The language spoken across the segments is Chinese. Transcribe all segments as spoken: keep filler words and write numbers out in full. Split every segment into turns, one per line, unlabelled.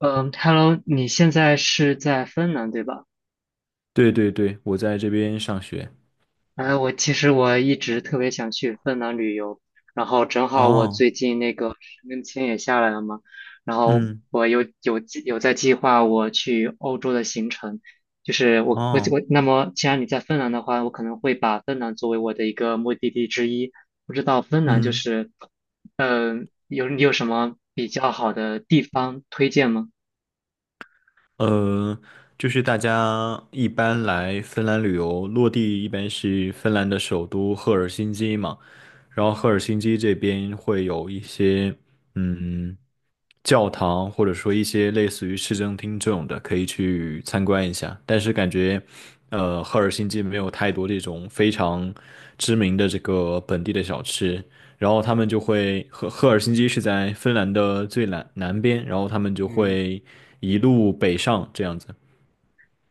嗯，Hello，你现在是在芬兰对吧？
对对对，我在这边上学。
哎，我其实我一直特别想去芬兰旅游，然后正好我
哦，
最近那个申根签也下来了嘛，然后
嗯，
我有有计有在计划我去欧洲的行程。就是我我
哦，
我，那么既然你在芬兰的话，我可能会把芬兰作为我的一个目的地之一。不知道芬兰就
嗯，
是，嗯，有你有什么比较好的地方推荐吗？
呃，就是大家一般来芬兰旅游，落地一般是芬兰的首都赫尔辛基嘛，然后赫尔辛基这边会有一些嗯教堂，或者说一些类似于市政厅这种的，可以去参观一下。但是感觉，呃，赫尔辛基没有太多这种非常知名的这个本地的小吃。然后他们就会赫赫尔辛基是在芬兰的最南南边，然后他们就
嗯。
会一路北上这样子。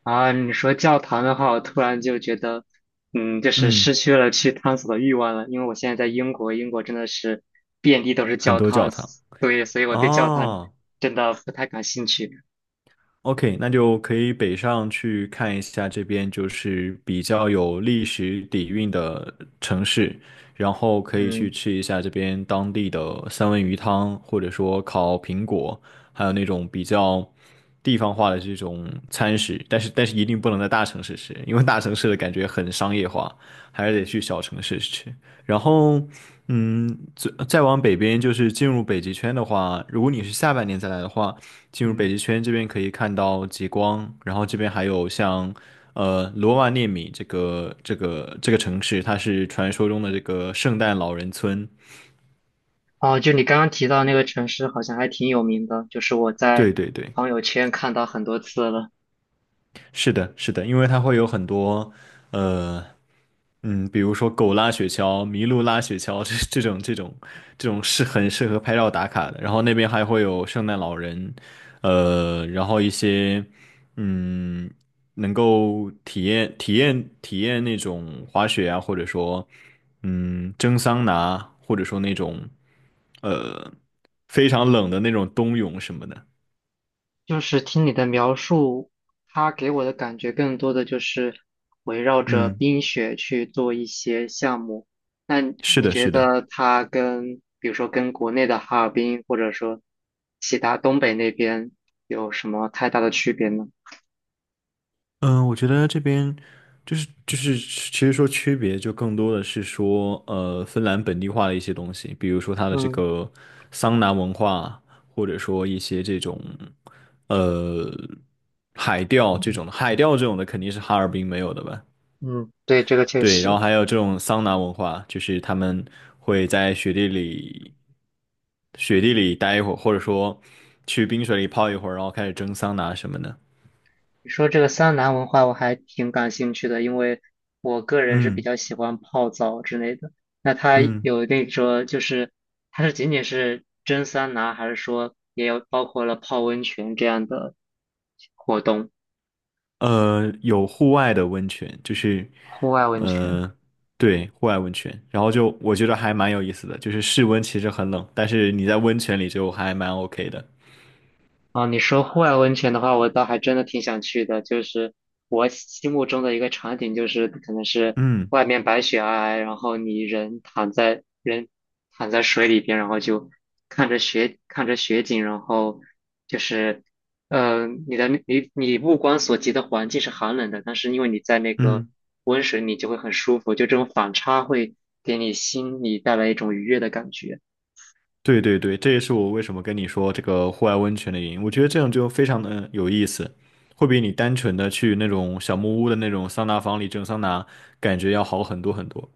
啊，你说教堂的话，我突然就觉得，嗯，就是失
嗯，
去了去探索的欲望了。因为我现在在英国，英国真的是遍地都是
很
教
多
堂，
教堂
对，所以我对教堂
啊，
真的不太感兴趣。
OK,那就可以北上去看一下这边就是比较有历史底蕴的城市，然后可以去
嗯
吃一下这边当地的三文鱼汤，或者说烤苹果，还有那种比较地方化的这种餐食。但是但是一定不能在大城市吃，因为大城市的感觉很商业化，还是得去小城市吃。然后，嗯，再再往北边就是进入北极圈的话，如果你是下半年再来的话。进入北
嗯，
极圈这边可以看到极光，然后这边还有像呃罗瓦涅米这个这个这个城市，它是传说中的这个圣诞老人村。
哦，就你刚刚提到那个城市，好像还挺有名的，就是我在
对对对，
朋友圈看到很多次了。
是的，是的，因为它会有很多呃嗯，比如说狗拉雪橇、麋鹿拉雪橇这这种这种这种是很适合拍照打卡的。然后那边还会有圣诞老人，呃，然后一些嗯，能够体验体验体验那种滑雪啊，或者说嗯蒸桑拿，或者说那种呃非常冷的那种冬泳什么的。
就是听你的描述，它给我的感觉更多的就是围绕着
嗯，
冰雪去做一些项目。那
是
你
的，
觉
是的。
得它跟，比如说跟国内的哈尔滨，或者说其他东北那边有什么太大的区别呢？
嗯，我觉得这边就是就是，其实说区别就更多的是说，呃，芬兰本地化的一些东西，比如说它的这
嗯
个桑拿文化，或者说一些这种，呃，海钓这种的，海钓这种的肯定是哈尔滨没有的吧？
嗯，对，这个确
对，然
实。
后还有这种桑拿文化，就是他们会在雪地里雪地里待一会儿，或者说去冰水里泡一会儿，然后开始蒸桑拿什么的。
你说这个桑拿文化我还挺感兴趣的，因为我个人是比
嗯
较喜欢泡澡之类的。那它
嗯。
有那种就是，它是仅仅是蒸桑拿，还是说也有包括了泡温泉这样的活动？
呃，有户外的温泉，就是，
户外温泉？
呃，对，户外温泉，然后就我觉得还蛮有意思的，就是室温其实很冷，但是你在温泉里就还蛮 OK 的。
啊，你说户外温泉的话，我倒还真的挺想去的。就是我心目中的一个场景，就是可能是
嗯
外面白雪皑皑，然后你人躺在人躺在水里边，然后就看着雪看着雪景，然后就是，嗯，你的你你目光所及的环境是寒冷的，但是因为你在那个
嗯，
温水里就会很舒服，就这种反差会给你心里带来一种愉悦的感觉。
对对对，这也是我为什么跟你说这个户外温泉的原因。我觉得这样就非常的有意思，会比你单纯的去那种小木屋的那种桑拿房里蒸桑拿，感觉要好很多很多，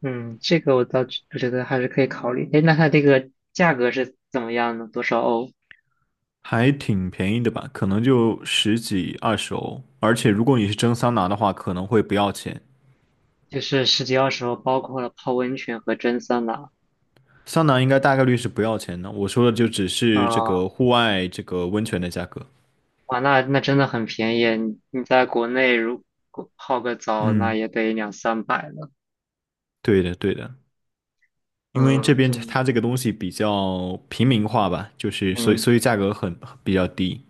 嗯，这个我倒觉觉得还是可以考虑。哎，那它这个价格是怎么样的？多少欧？
还挺便宜的吧？可能就十几二十欧，而且如果你是蒸桑拿的话，可能会不要钱。
就是十几二十欧，包括了泡温泉和蒸桑拿。
桑拿应该大概率是不要钱的，我说的就只是这
啊，
个户外这个温泉的价格。
哇，那那真的很便宜。你你在国内如果泡个澡，那
嗯
也得两三百了。
对的，对的，因为这
嗯，
边
对。
它这个东西比较平民化吧，就是所以
嗯
所以价格很比较低。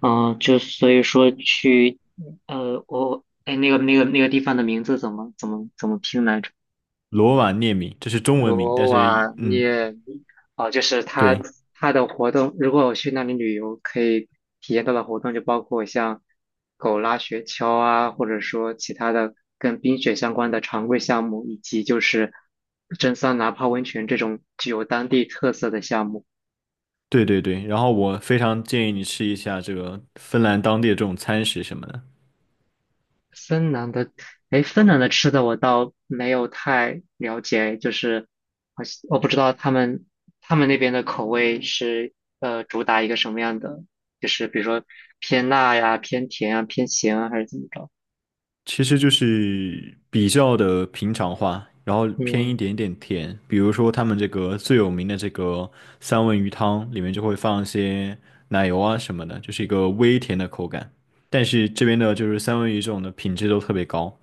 嗯，就所以说去，呃，我，哎，那个那个那个地方的名字怎么怎么怎么拼来着？
罗瓦涅米，这是中文名，但
罗
是
瓦
嗯，
涅米，哦，就是它
对
它的活动，如果我去那里旅游，可以体验到的活动就包括像狗拉雪橇啊，或者说其他的跟冰雪相关的常规项目，以及就是蒸桑拿、泡温泉这种具有当地特色的项目。
对对对。然后我非常建议你吃一下这个芬兰当地的这种餐食什么的，
芬兰的，哎，芬兰的吃的我倒没有太了解，就是好像我不知道他们他们那边的口味是呃主打一个什么样的，就是比如说偏辣呀、偏甜啊、偏咸啊，还是怎么着？
其实就是比较的平常化，然后偏一
嗯，
点点甜。比如说他们这个最有名的这个三文鱼汤，里面就会放一些奶油啊什么的，就是一个微甜的口感。但是这边的就是三文鱼这种的品质都特别高，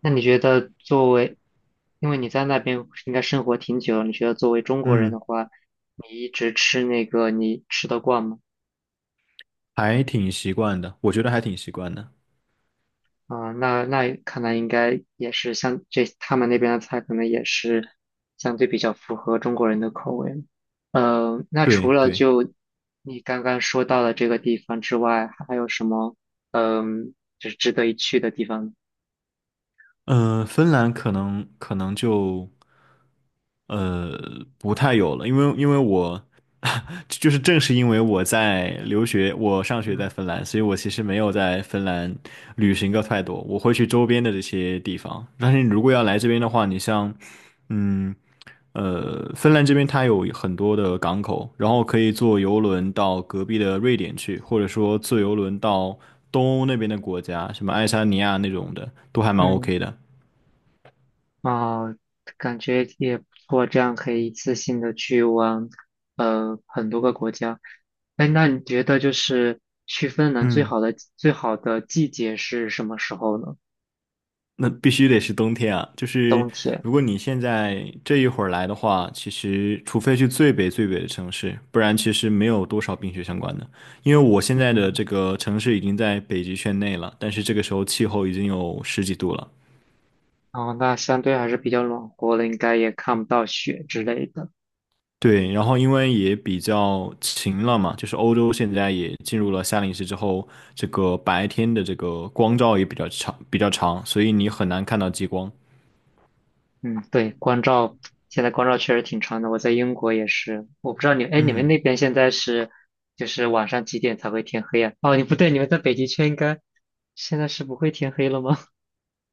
那你觉得作为，因为你在那边应该生活挺久了，你觉得作为中国人的
嗯，
话，你一直吃那个你吃得惯吗？
还挺习惯的，我觉得还挺习惯的。
啊，那那看来应该也是，像这他们那边的菜，可能也是相对比较符合中国人的口味。呃，那除
对
了
对，
就你刚刚说到的这个地方之外，还有什么，嗯，就是值得一去的地方？
嗯，芬兰可能可能就。呃，不太有了，因为因为我 就是正是因为我在留学，我上学
嗯
在芬兰，所以我其实没有在芬兰旅行过太多，我会去周边的这些地方。但是你如果要来这边的话，你像，嗯呃，芬兰这边它有很多的港口，然后可以
嗯
坐游轮到隔壁的瑞典去，或者说坐游轮到东欧那边的国家，什么爱沙尼亚那种的，都还蛮
嗯。
OK 的。
啊，感觉也不错，这样可以一次性的去往，呃，很多个国家。哎，那你觉得就是去芬兰最
嗯。
好的最好的季节是什么时候呢？
那必须得是冬天啊！就是
冬天，
如果你现在这一会儿来的话，其实除非去最北最北的城市，不然其实没有多少冰雪相关的。因为我现在的
嗯，
这个城市已经在北极圈内了，但是这个时候气候已经有十几度了。
哦，那相对还是比较暖和的，应该也看不到雪之类的。
对，然后因为也比较晴了嘛，就是欧洲现在也进入了夏令时之后，这个白天的这个光照也比较长，比较长，所以你很难看到极光。
嗯，对，光照，现在光照确实挺长的。我在英国也是，我不知道你，哎，你们
嗯。
那边现在是，就是晚上几点才会天黑啊？哦，你不对，你们在北极圈应该现在是不会天黑了吗？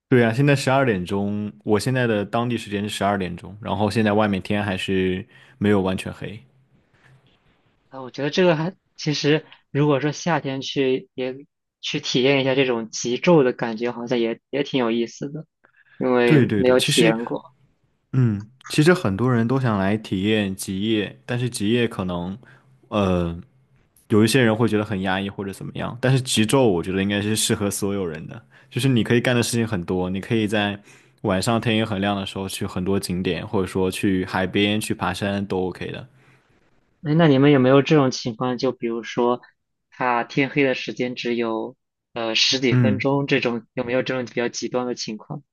对啊，现在十二点钟，我现在的当地时间是十二点钟，然后现在外面天还是没有完全黑。
啊，我觉得这个还，其实如果说夏天去，也去体验一下这种极昼的感觉，好像也也挺有意思的，因
对
为
对
没
对，
有
其
体验
实，
过。
嗯，其实很多人都想来体验极夜，但是极夜可能，呃，有一些人会觉得很压抑或者怎么样，但是极昼我觉得应该是适合所有人的，就是你可以干的事情很多，你可以在晚上天也很亮的时候去很多景点，或者说去海边去爬山都 OK 的。
哎，那你们有没有这种情况？就比如说，他天黑的时间只有呃十几分
嗯。
钟，这种有没有这种比较极端的情况？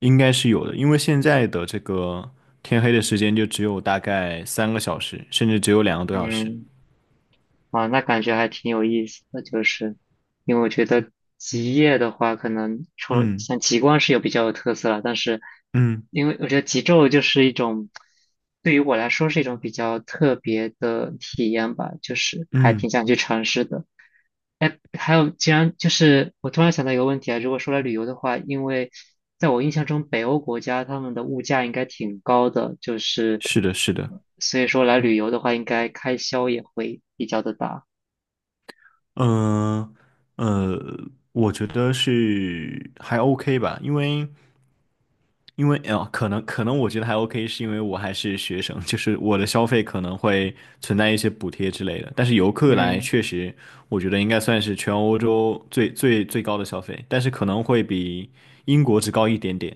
应该是有的，因为现在的这个天黑的时间就只有大概三个小时，甚至只有两个多小时。
嗯。啊，那感觉还挺有意思的，就是因为我觉得极夜的话，可能除了
嗯
像极光是有比较有特色了，但是
嗯
因为我觉得极昼就是一种，对于我来说是一种比较特别的体验吧，就是还挺
嗯，
想去尝试的。哎，还有，既然就是我突然想到一个问题啊，如果说来旅游的话，因为在我印象中，北欧国家他们的物价应该挺高的，就是
是的，是的，
所以说来旅游的话，应该开销也会比较的大。
嗯呃，呃我觉得是还 OK 吧，因为因为啊、呃可能可能我觉得还 OK,是因为我还是学生，就是我的消费可能会存在一些补贴之类的，但是游客来
嗯，
确实，我觉得应该算是全欧洲最最最高的消费，但是可能会比英国只高一点点。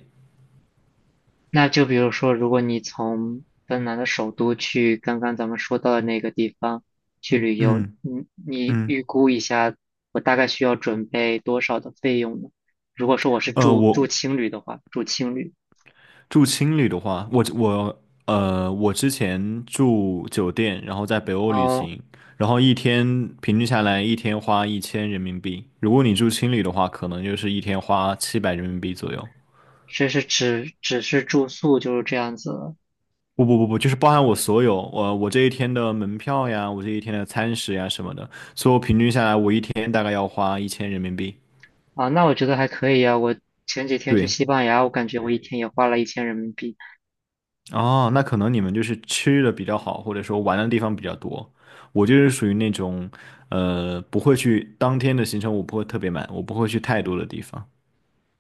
那就比如说，如果你从芬兰的首都去刚刚咱们说到的那个地方去旅游，
嗯
你你
嗯，
预估一下，我大概需要准备多少的费用呢？如果说我是
呃，
住住
我
青旅的话，住青旅。
住青旅的话，我我呃，我之前住酒店，然后在北欧旅
哦。
行，然后一天平均下来一天花一千人民币。如果你住青旅的话，可能就是一天花七百人民币左右。
这是只只是住宿就是这样子？
不不不不，就是包含我所有，我我这一天的门票呀，我这一天的餐食呀什么的，所以我平均下来我一天大概要花一千人民币。
啊，那我觉得还可以啊。我前几天去
对。
西班牙，我感觉我一天也花了一千人民币。
哦，那可能你们就是吃的比较好，或者说玩的地方比较多。我就是属于那种，呃，不会去当天的行程，我不会特别满，我不会去太多的地方。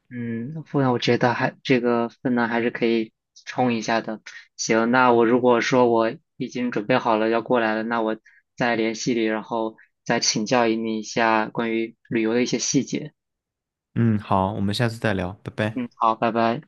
嗯，不然我觉得还这个分呢还是可以冲一下的。行，那我如果说我已经准备好了要过来了，那我再联系你，然后再请教你一下关于旅游的一些细节。
嗯，好，我们下次再聊，拜拜。
嗯，好，拜拜。